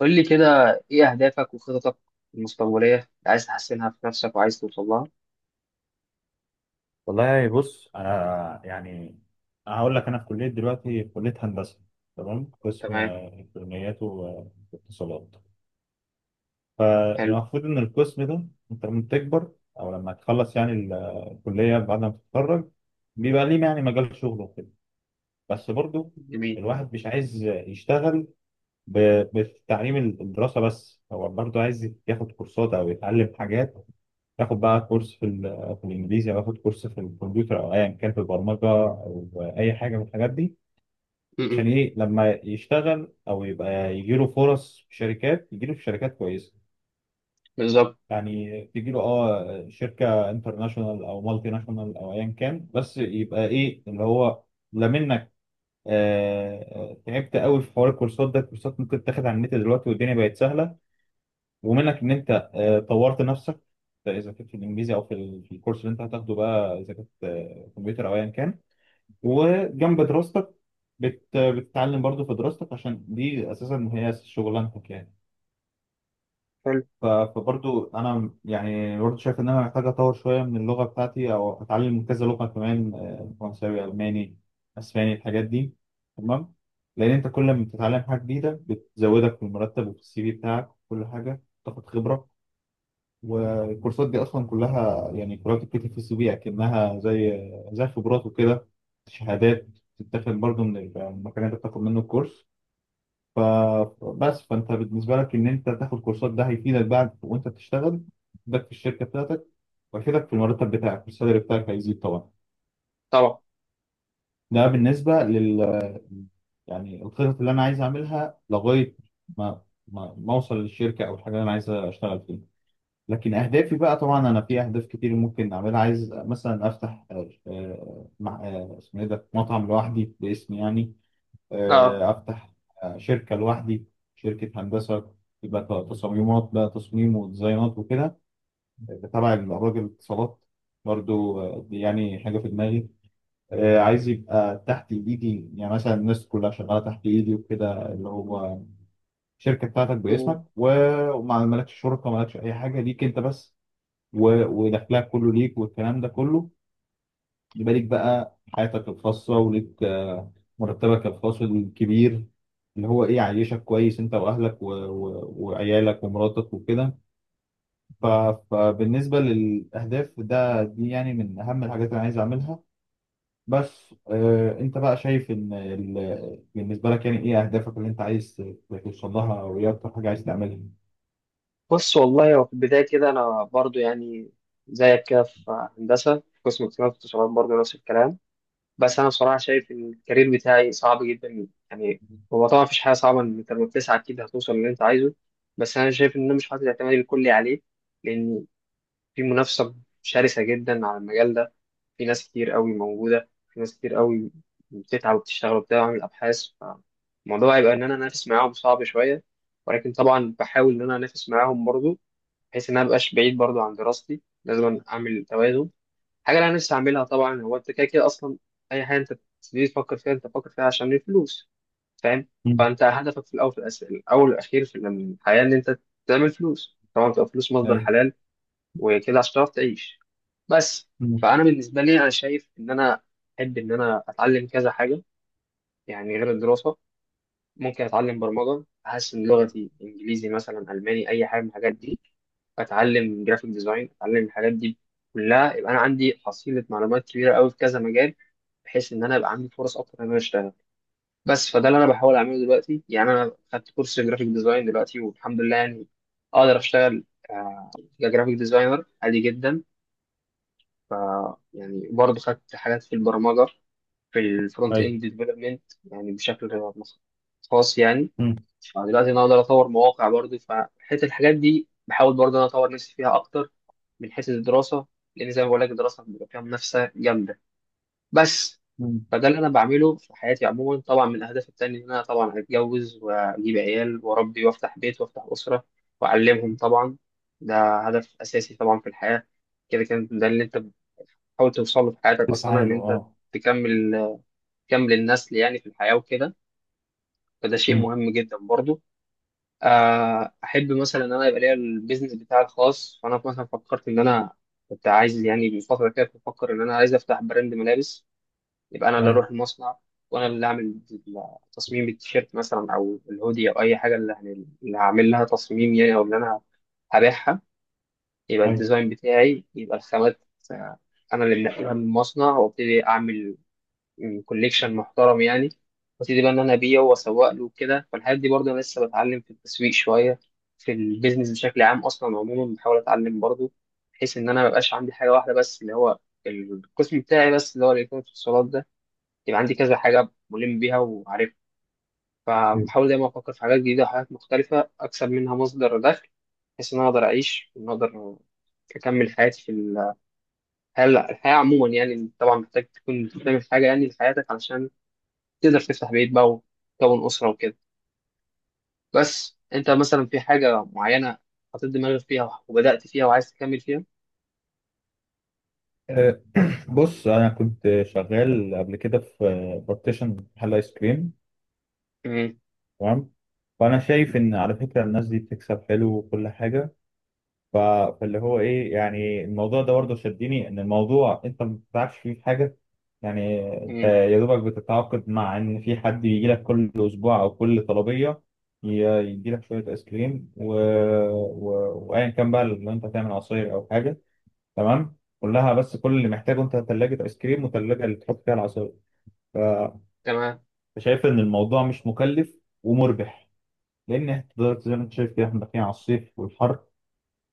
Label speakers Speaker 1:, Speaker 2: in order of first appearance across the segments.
Speaker 1: قول لي كده، ايه اهدافك وخططك المستقبليه اللي عايز تحسنها في نفسك وعايز توصل لها؟
Speaker 2: والله بص انا يعني هقول لك انا في كليه دلوقتي في كليه هندسه. تمام. قسم
Speaker 1: تمام.
Speaker 2: الكترونيات واتصالات.
Speaker 1: حلو.
Speaker 2: فالمفروض ان القسم ده انت لما تكبر او لما تخلص يعني الكليه بعد ما تتخرج بيبقى ليه يعني مجال شغل وكده. بس برضو
Speaker 1: جميل.
Speaker 2: الواحد مش عايز يشتغل بتعليم الدراسه، بس هو برضو عايز ياخد كورسات او يتعلم حاجات، اخد بقى كورس في الانجليزي، او اخد كورس في الكمبيوتر، او ايا كان في البرمجه، او اي حاجه من الحاجات دي. عشان
Speaker 1: م-م.
Speaker 2: ايه؟ لما يشتغل او يبقى يجي له فرص في شركات، يجي له في شركات كويسه،
Speaker 1: بالظبط.
Speaker 2: يعني تجي له اه شركه انترناشونال او مالتي ناشونال او ايا كان، بس يبقى ايه اللي هو لا منك. آه، تعبت قوي في حوار الكورسات ده. الكورسات ممكن تاخد على النت دلوقتي والدنيا بقت سهله، ومنك ان انت طورت نفسك. اذا كنت في الانجليزي او في الكورس اللي انت هتاخده، بقى اذا كنت كمبيوتر او ايا كان، وجنب دراستك بتتعلم برضو في دراستك، عشان دي اساسا هي شغلانتك يعني.
Speaker 1: حلو.
Speaker 2: فبرضو انا يعني برضو شايف ان انا محتاج اطور شويه من اللغه بتاعتي او اتعلم كذا لغه كمان، فرنساوي، الماني، اسباني، الحاجات دي. تمام. لان انت كل ما بتتعلم حاجه جديده بتزودك في المرتب وفي السي في بتاعك، وكل حاجه تاخد خبره. والكورسات دي اصلا كلها يعني كلها بتتكتب في السي في، اكنها زي خبرات وكده. شهادات بتتاخد برضه من المكان اللي بتاخد منه الكورس. فبس، فانت بالنسبه لك ان انت تاخد كورسات، ده هيفيدك بعد وانت بتشتغل، هيفيدك في الشركه بتاعتك، وهيفيدك في المرتب بتاعك، والسالري بتاعك هيزيد طبعا.
Speaker 1: طبعا.
Speaker 2: ده بالنسبه لل يعني الخطط اللي انا عايز اعملها لغايه ما ما اوصل للشركه او الحاجه اللي انا عايز اشتغل فيها. لكن اهدافي بقى، طبعا انا في اهداف كتير ممكن اعملها. عايز مثلا افتح، آه، آه، مع آه، اسمه ايه ده، مطعم لوحدي باسمي يعني.
Speaker 1: اه.
Speaker 2: افتح شركه لوحدي، شركه هندسه، يبقى تصميمات بقى، تصميم وديزاينات وكده، تبع الراجل الاتصالات. برضو دي يعني حاجه في دماغي. عايز يبقى تحت ايدي، يعني مثلا الناس كلها شغاله تحت ايدي وكده، اللي هو الشركه بتاعتك
Speaker 1: م.
Speaker 2: باسمك، وما مالكش شركه، مالكش اي حاجه ليك انت بس، ودخلها كله ليك، والكلام ده كله. يبقى ليك بقى حياتك الخاصة، وليك مرتبك الخاص الكبير، اللي هو ايه يعيشك كويس انت واهلك وعيالك ومراتك وكده. ف... فبالنسبة للأهداف ده، دي يعني من أهم الحاجات اللي أنا عايز أعملها. بس أنت بقى شايف إن بالنسبة لك يعني إيه أهدافك اللي أنت عايز توصل لها، أو إيه أكتر حاجة عايز تعملها؟
Speaker 1: بص، والله هو في البدايه كده انا برضو يعني زيك كده في هندسه، في قسم اتصالات، واتصالات برضو نفس الكلام. بس انا بصراحه شايف ان الكارير بتاعي صعب جدا يعني. هو طبعا مفيش حاجه صعبه، ان انت لما بتسعى اكيد هتوصل للي انت عايزه. بس انا شايف ان انا مش حاطط اعتمادي الكلي عليه، لان في منافسه شرسه جدا على المجال ده. في ناس كتير قوي موجودة، في ناس كتير قوي بتتعب وبتشتغل وبتاع وعامل أبحاث، فالموضوع هيبقى إن أنا أنافس معاهم صعب شوية. ولكن طبعا بحاول إن أنا أنافس معاهم برضو، بحيث إن أنا مبقاش بعيد برضو عن دراستي. لازم أعمل توازن. حاجة اللي أنا نفسي أعملها طبعا، هو أنت كده كده أصلا أي حاجة أنت بتبتدي تفكر فيها أنت بتفكر فيها عشان الفلوس، فاهم؟
Speaker 2: مم.
Speaker 1: فأنت هدفك في الأول والأخير في الحياة إن أنت تعمل فلوس، طبعا تبقى فلوس مصدر
Speaker 2: أيوه.
Speaker 1: حلال وكده عشان تعرف تعيش بس.
Speaker 2: مم.
Speaker 1: فانا بالنسبه لي انا شايف ان انا احب ان انا اتعلم كذا حاجه، يعني غير الدراسه. ممكن اتعلم برمجه، احسن لغتي انجليزي، مثلا الماني، اي حاجه من الحاجات دي. اتعلم جرافيك ديزاين، اتعلم الحاجات دي كلها. يبقى انا عندي حصيله معلومات كبيره قوي في كذا مجال، بحيث ان انا يبقى عندي فرص اكتر ان انا اشتغل بس. فده اللي انا بحاول اعمله دلوقتي. يعني انا خدت كورس جرافيك ديزاين دلوقتي والحمد لله، يعني اقدر اشتغل آه، كجرافيك ديزاينر عادي جدا. ف يعني برضه خدت حاجات في البرمجة، في الفرونت
Speaker 2: أيوه.
Speaker 1: اند ديفلوبمنت، يعني بشكل خاص يعني.
Speaker 2: مم.
Speaker 1: فدلوقتي انا اقدر اطور مواقع برضه، فحته الحاجات دي بحاول برضه انا اطور نفسي فيها اكتر من حيث الدراسة. لان زي ما بقول لك الدراسة بيبقى فيها منافسة جامدة بس.
Speaker 2: مم.
Speaker 1: فده اللي انا بعمله في حياتي عموما. طبعا من اهدافي التانية ان انا طبعا اتجوز واجيب عيال واربي وافتح بيت وافتح اسرة واعلمهم طبعا. ده هدف اساسي طبعا في الحياة. كده كان ده اللي انت تحاول توصل له في حياتك اصلا،
Speaker 2: تسعى
Speaker 1: ان انت
Speaker 2: له.
Speaker 1: تكمل تكمل النسل يعني في الحياه وكده. فده شيء
Speaker 2: أه.
Speaker 1: مهم جدا برضو. احب مثلا ان انا يبقى ليا البيزنس بتاعي الخاص. فانا مثلا فكرت ان انا كنت عايز يعني من فتره كده، كنت بفكر ان انا عايز افتح براند ملابس. يبقى انا اللي
Speaker 2: ايوه.
Speaker 1: اروح المصنع، وانا اللي اعمل تصميم التيشيرت مثلا او الهودي او اي حاجه اللي هعمل لها تصميم يعني، او اللي انا هبيعها. يبقى
Speaker 2: ايوه.
Speaker 1: الديزاين بتاعي، يبقى الخامات آه، انا اللي منقلها من المصنع، وابتدي اعمل كوليكشن محترم يعني، وابتدي بقى ان انا ابيعه واسوق له وكده. فالحاجات دي برضه انا لسه بتعلم في التسويق شويه، في البيزنس بشكل عام اصلا. عموما بحاول اتعلم برضه، بحيث ان انا ما يبقاش عندي حاجه واحده بس اللي هو القسم بتاعي، بس اللي هو الالكترونيات والاتصالات ده. يبقى عندي كذا حاجه ملم بيها وعارفها.
Speaker 2: ايوه.
Speaker 1: فبحاول دايما افكر في حاجات جديده وحاجات مختلفه اكسب منها مصدر دخل، بحيث ان انا اقدر اعيش وان اقدر اكمل حياتي في الحياة عموما يعني. طبعا محتاج تكون بتعمل حاجه يعني لحياتك، علشان تقدر تفتح بيت بقى وتكون أسرة وكده. بس أنت مثلا في حاجة معينة حطيت دماغك فيها وبدأت فيها وعايز تكمل فيها؟
Speaker 2: آه، بص انا كنت شغال قبل كده في بارتيشن محل ايس كريم.
Speaker 1: امم.
Speaker 2: تمام. فانا شايف ان على فكره الناس دي بتكسب حلو وكل حاجه. ف- فاللي هو ايه يعني، الموضوع ده برضه شدني، ان الموضوع انت ما بتتعبش فيه في حاجه، يعني انت
Speaker 1: امم.
Speaker 2: يا دوبك بتتعاقد مع ان في حد يجي لك كل اسبوع او كل طلبيه، يدي لك شويه ايس كريم وايا كان، بقى لو انت هتعمل عصير او حاجه. تمام، كلها، بس كل اللي محتاجه انت ثلاجه ايس كريم وثلاجه اللي تحط فيها العصاير. ف-
Speaker 1: تمام.
Speaker 2: فشايف ان الموضوع مش مكلف ومربح، لان إحنا دلوقتي زي ما انت شايف كده احنا داخلين على الصيف والحر.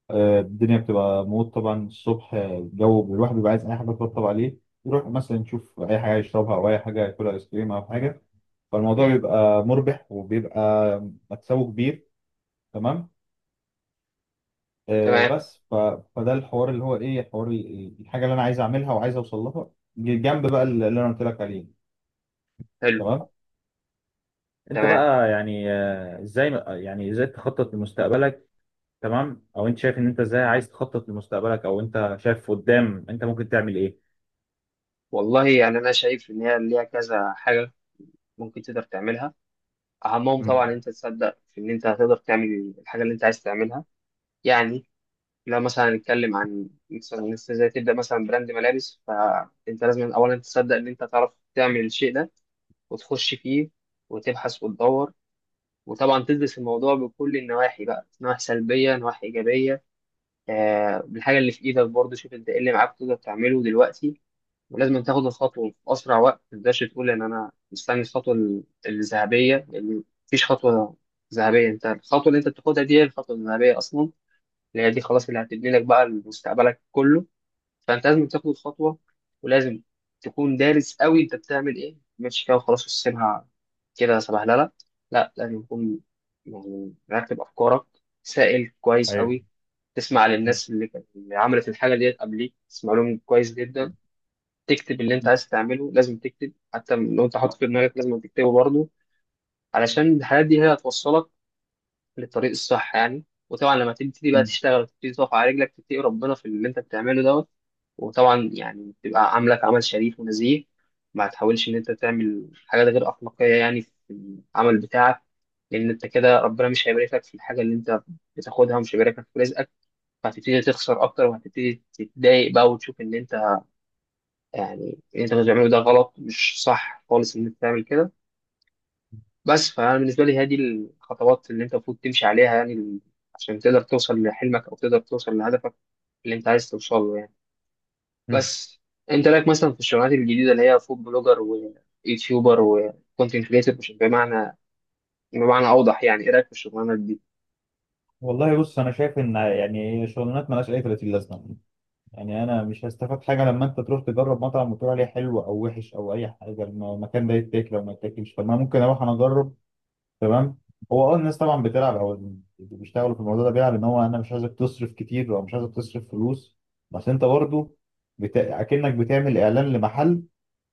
Speaker 2: الدنيا بتبقى موت طبعا، الصبح الجو، الواحد بيبقى عايز اي حاجه تطبطب عليه، يروح مثلا يشوف اي حاجه يشربها او اي حاجه ياكلها، ايس كريم او حاجه. فالموضوع
Speaker 1: امم.
Speaker 2: بيبقى مربح وبيبقى مكسبه كبير. تمام. آه،
Speaker 1: تمام.
Speaker 2: بس ف... فده الحوار اللي هو ايه، حوار الحاجه اللي انا عايز اعملها وعايز اوصل لها، جنب بقى اللي انا قلت لك عليه.
Speaker 1: حلو.
Speaker 2: تمام. انت
Speaker 1: تمام.
Speaker 2: بقى يعني ازاي، يعني ازاي تخطط لمستقبلك؟ تمام. او انت شايف ان انت ازاي عايز تخطط لمستقبلك، او انت شايف قدام انت ممكن تعمل ايه؟
Speaker 1: والله يعني أنا شايف إن هي ليها كذا حاجة ممكن تقدر تعملها. أهمهم طبعا إن
Speaker 2: مم.
Speaker 1: أنت تصدق في إن أنت هتقدر تعمل الحاجة اللي أنت عايز تعملها. يعني لو مثلا نتكلم عن مثلا إن أنت ازاي تبدأ مثلا براند ملابس، فأنت لازم أولا تصدق إن أنت تعرف تعمل الشيء ده، وتخش فيه وتبحث وتدور. وطبعا تدرس الموضوع بكل النواحي بقى، نواحي سلبية، نواحي إيجابية. بالحاجة اللي في إيدك برضه، شوف أنت إيه اللي معاك تقدر تعمله دلوقتي. ولازم تاخد الخطوة في أسرع وقت، ما تقدرش تقول إن أنا مستني الخطوة الذهبية، لأن مفيش خطوة ذهبية. أنت الخطوة اللي أنت بتاخدها دي هي الخطوة الذهبية أصلا، اللي هي دي خلاص اللي هتبني لك بقى مستقبلك كله. فانت لازم تاخد الخطوه، ولازم تكون دارس قوي انت بتعمل ايه، مش كده وخلاص وتسيبها كده صباح. لا، لا، لا، لازم تكون يعني مرتب افكارك، سائل كويس
Speaker 2: ايوه.
Speaker 1: قوي. تسمع للناس اللي عملت الحاجه ديت قبليك، تسمع لهم كويس جدا. تكتب اللي انت عايز تعمله، لازم تكتب حتى لو انت حاطط في دماغك لازم تكتبه برضه، علشان الحاجات دي هي هتوصلك للطريق الصح يعني. وطبعا لما تبتدي بقى
Speaker 2: مم.
Speaker 1: تشتغل وتبتدي تقف على رجلك، تتقي ربنا في اللي انت بتعمله دوت. وطبعا يعني تبقى عاملك عمل شريف ونزيه، ما تحاولش ان انت تعمل حاجات غير اخلاقيه يعني في العمل بتاعك. لان انت كده ربنا مش هيباركلك في الحاجه اللي انت بتاخدها، ومش هيباركلك في رزقك. فهتبتدي تخسر اكتر، وهتبتدي تتضايق بقى وتشوف ان انت يعني اللي انت بتعمله ده غلط، مش صح خالص ان انت تعمل كده بس. فانا بالنسبه لي هذه الخطوات اللي انت المفروض تمشي عليها، يعني عشان تقدر توصل لحلمك او تقدر توصل لهدفك اللي انت عايز توصله يعني
Speaker 2: مم.
Speaker 1: بس. انت رايك مثلا في الشغلانات الجديده اللي هي فود بلوجر ويوتيوبر وكونتنت كريتور، بمعنى اوضح، يعني ايه رايك في الشغلانات دي؟
Speaker 2: والله بص انا شايف ان يعني شغلانات مالهاش اي 30 لازمه. يعني انا مش هستفاد حاجه لما انت تروح تجرب مطعم وتقول عليه حلو او وحش او اي حاجه، المكان ده يتاكل او ما يتاكلش؟ طب ما ممكن اروح انا اجرب. تمام. هو اه الناس طبعا بتلعب، او اللي بيشتغلوا في الموضوع ده بيلعب، ان هو انا مش عايزك تصرف كتير او مش عايزك تصرف فلوس، بس انت برضه اكنك بتعمل اعلان لمحل.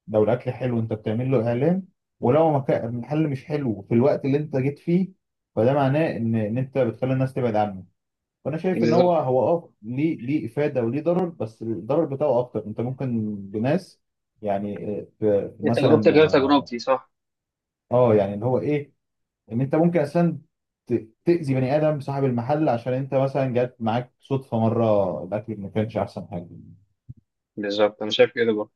Speaker 2: لو الاكل حلو، انت بتعمل له اعلان،
Speaker 1: مم.
Speaker 2: ولو مكان المحل مش حلو في الوقت اللي انت جيت فيه، فده معناه ان انت بتخلي الناس تبعد عنه. وانا شايف ان هو
Speaker 1: بالظبط.
Speaker 2: هو اه ليه افاده وليه ضرر، بس الضرر بتاعه اكتر، انت ممكن بناس، يعني
Speaker 1: إيه تجربتك
Speaker 2: مثلا
Speaker 1: غير تجربتي، صح؟
Speaker 2: اه، يعني اللي هو ايه، ان انت ممكن اصلا تاذي بني ادم صاحب المحل، عشان انت مثلا جات معاك صدفه مره الاكل ما كانش احسن حاجه.
Speaker 1: بالظبط. انا شايف كده برضه.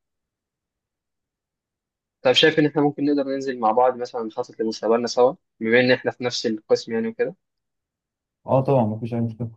Speaker 1: طب شايف ان احنا ممكن نقدر ننزل مع بعض مثلا نخطط لمستقبلنا سوا، بما ان احنا في نفس القسم يعني وكده؟
Speaker 2: اه طبعا ما فيش اي مشكله.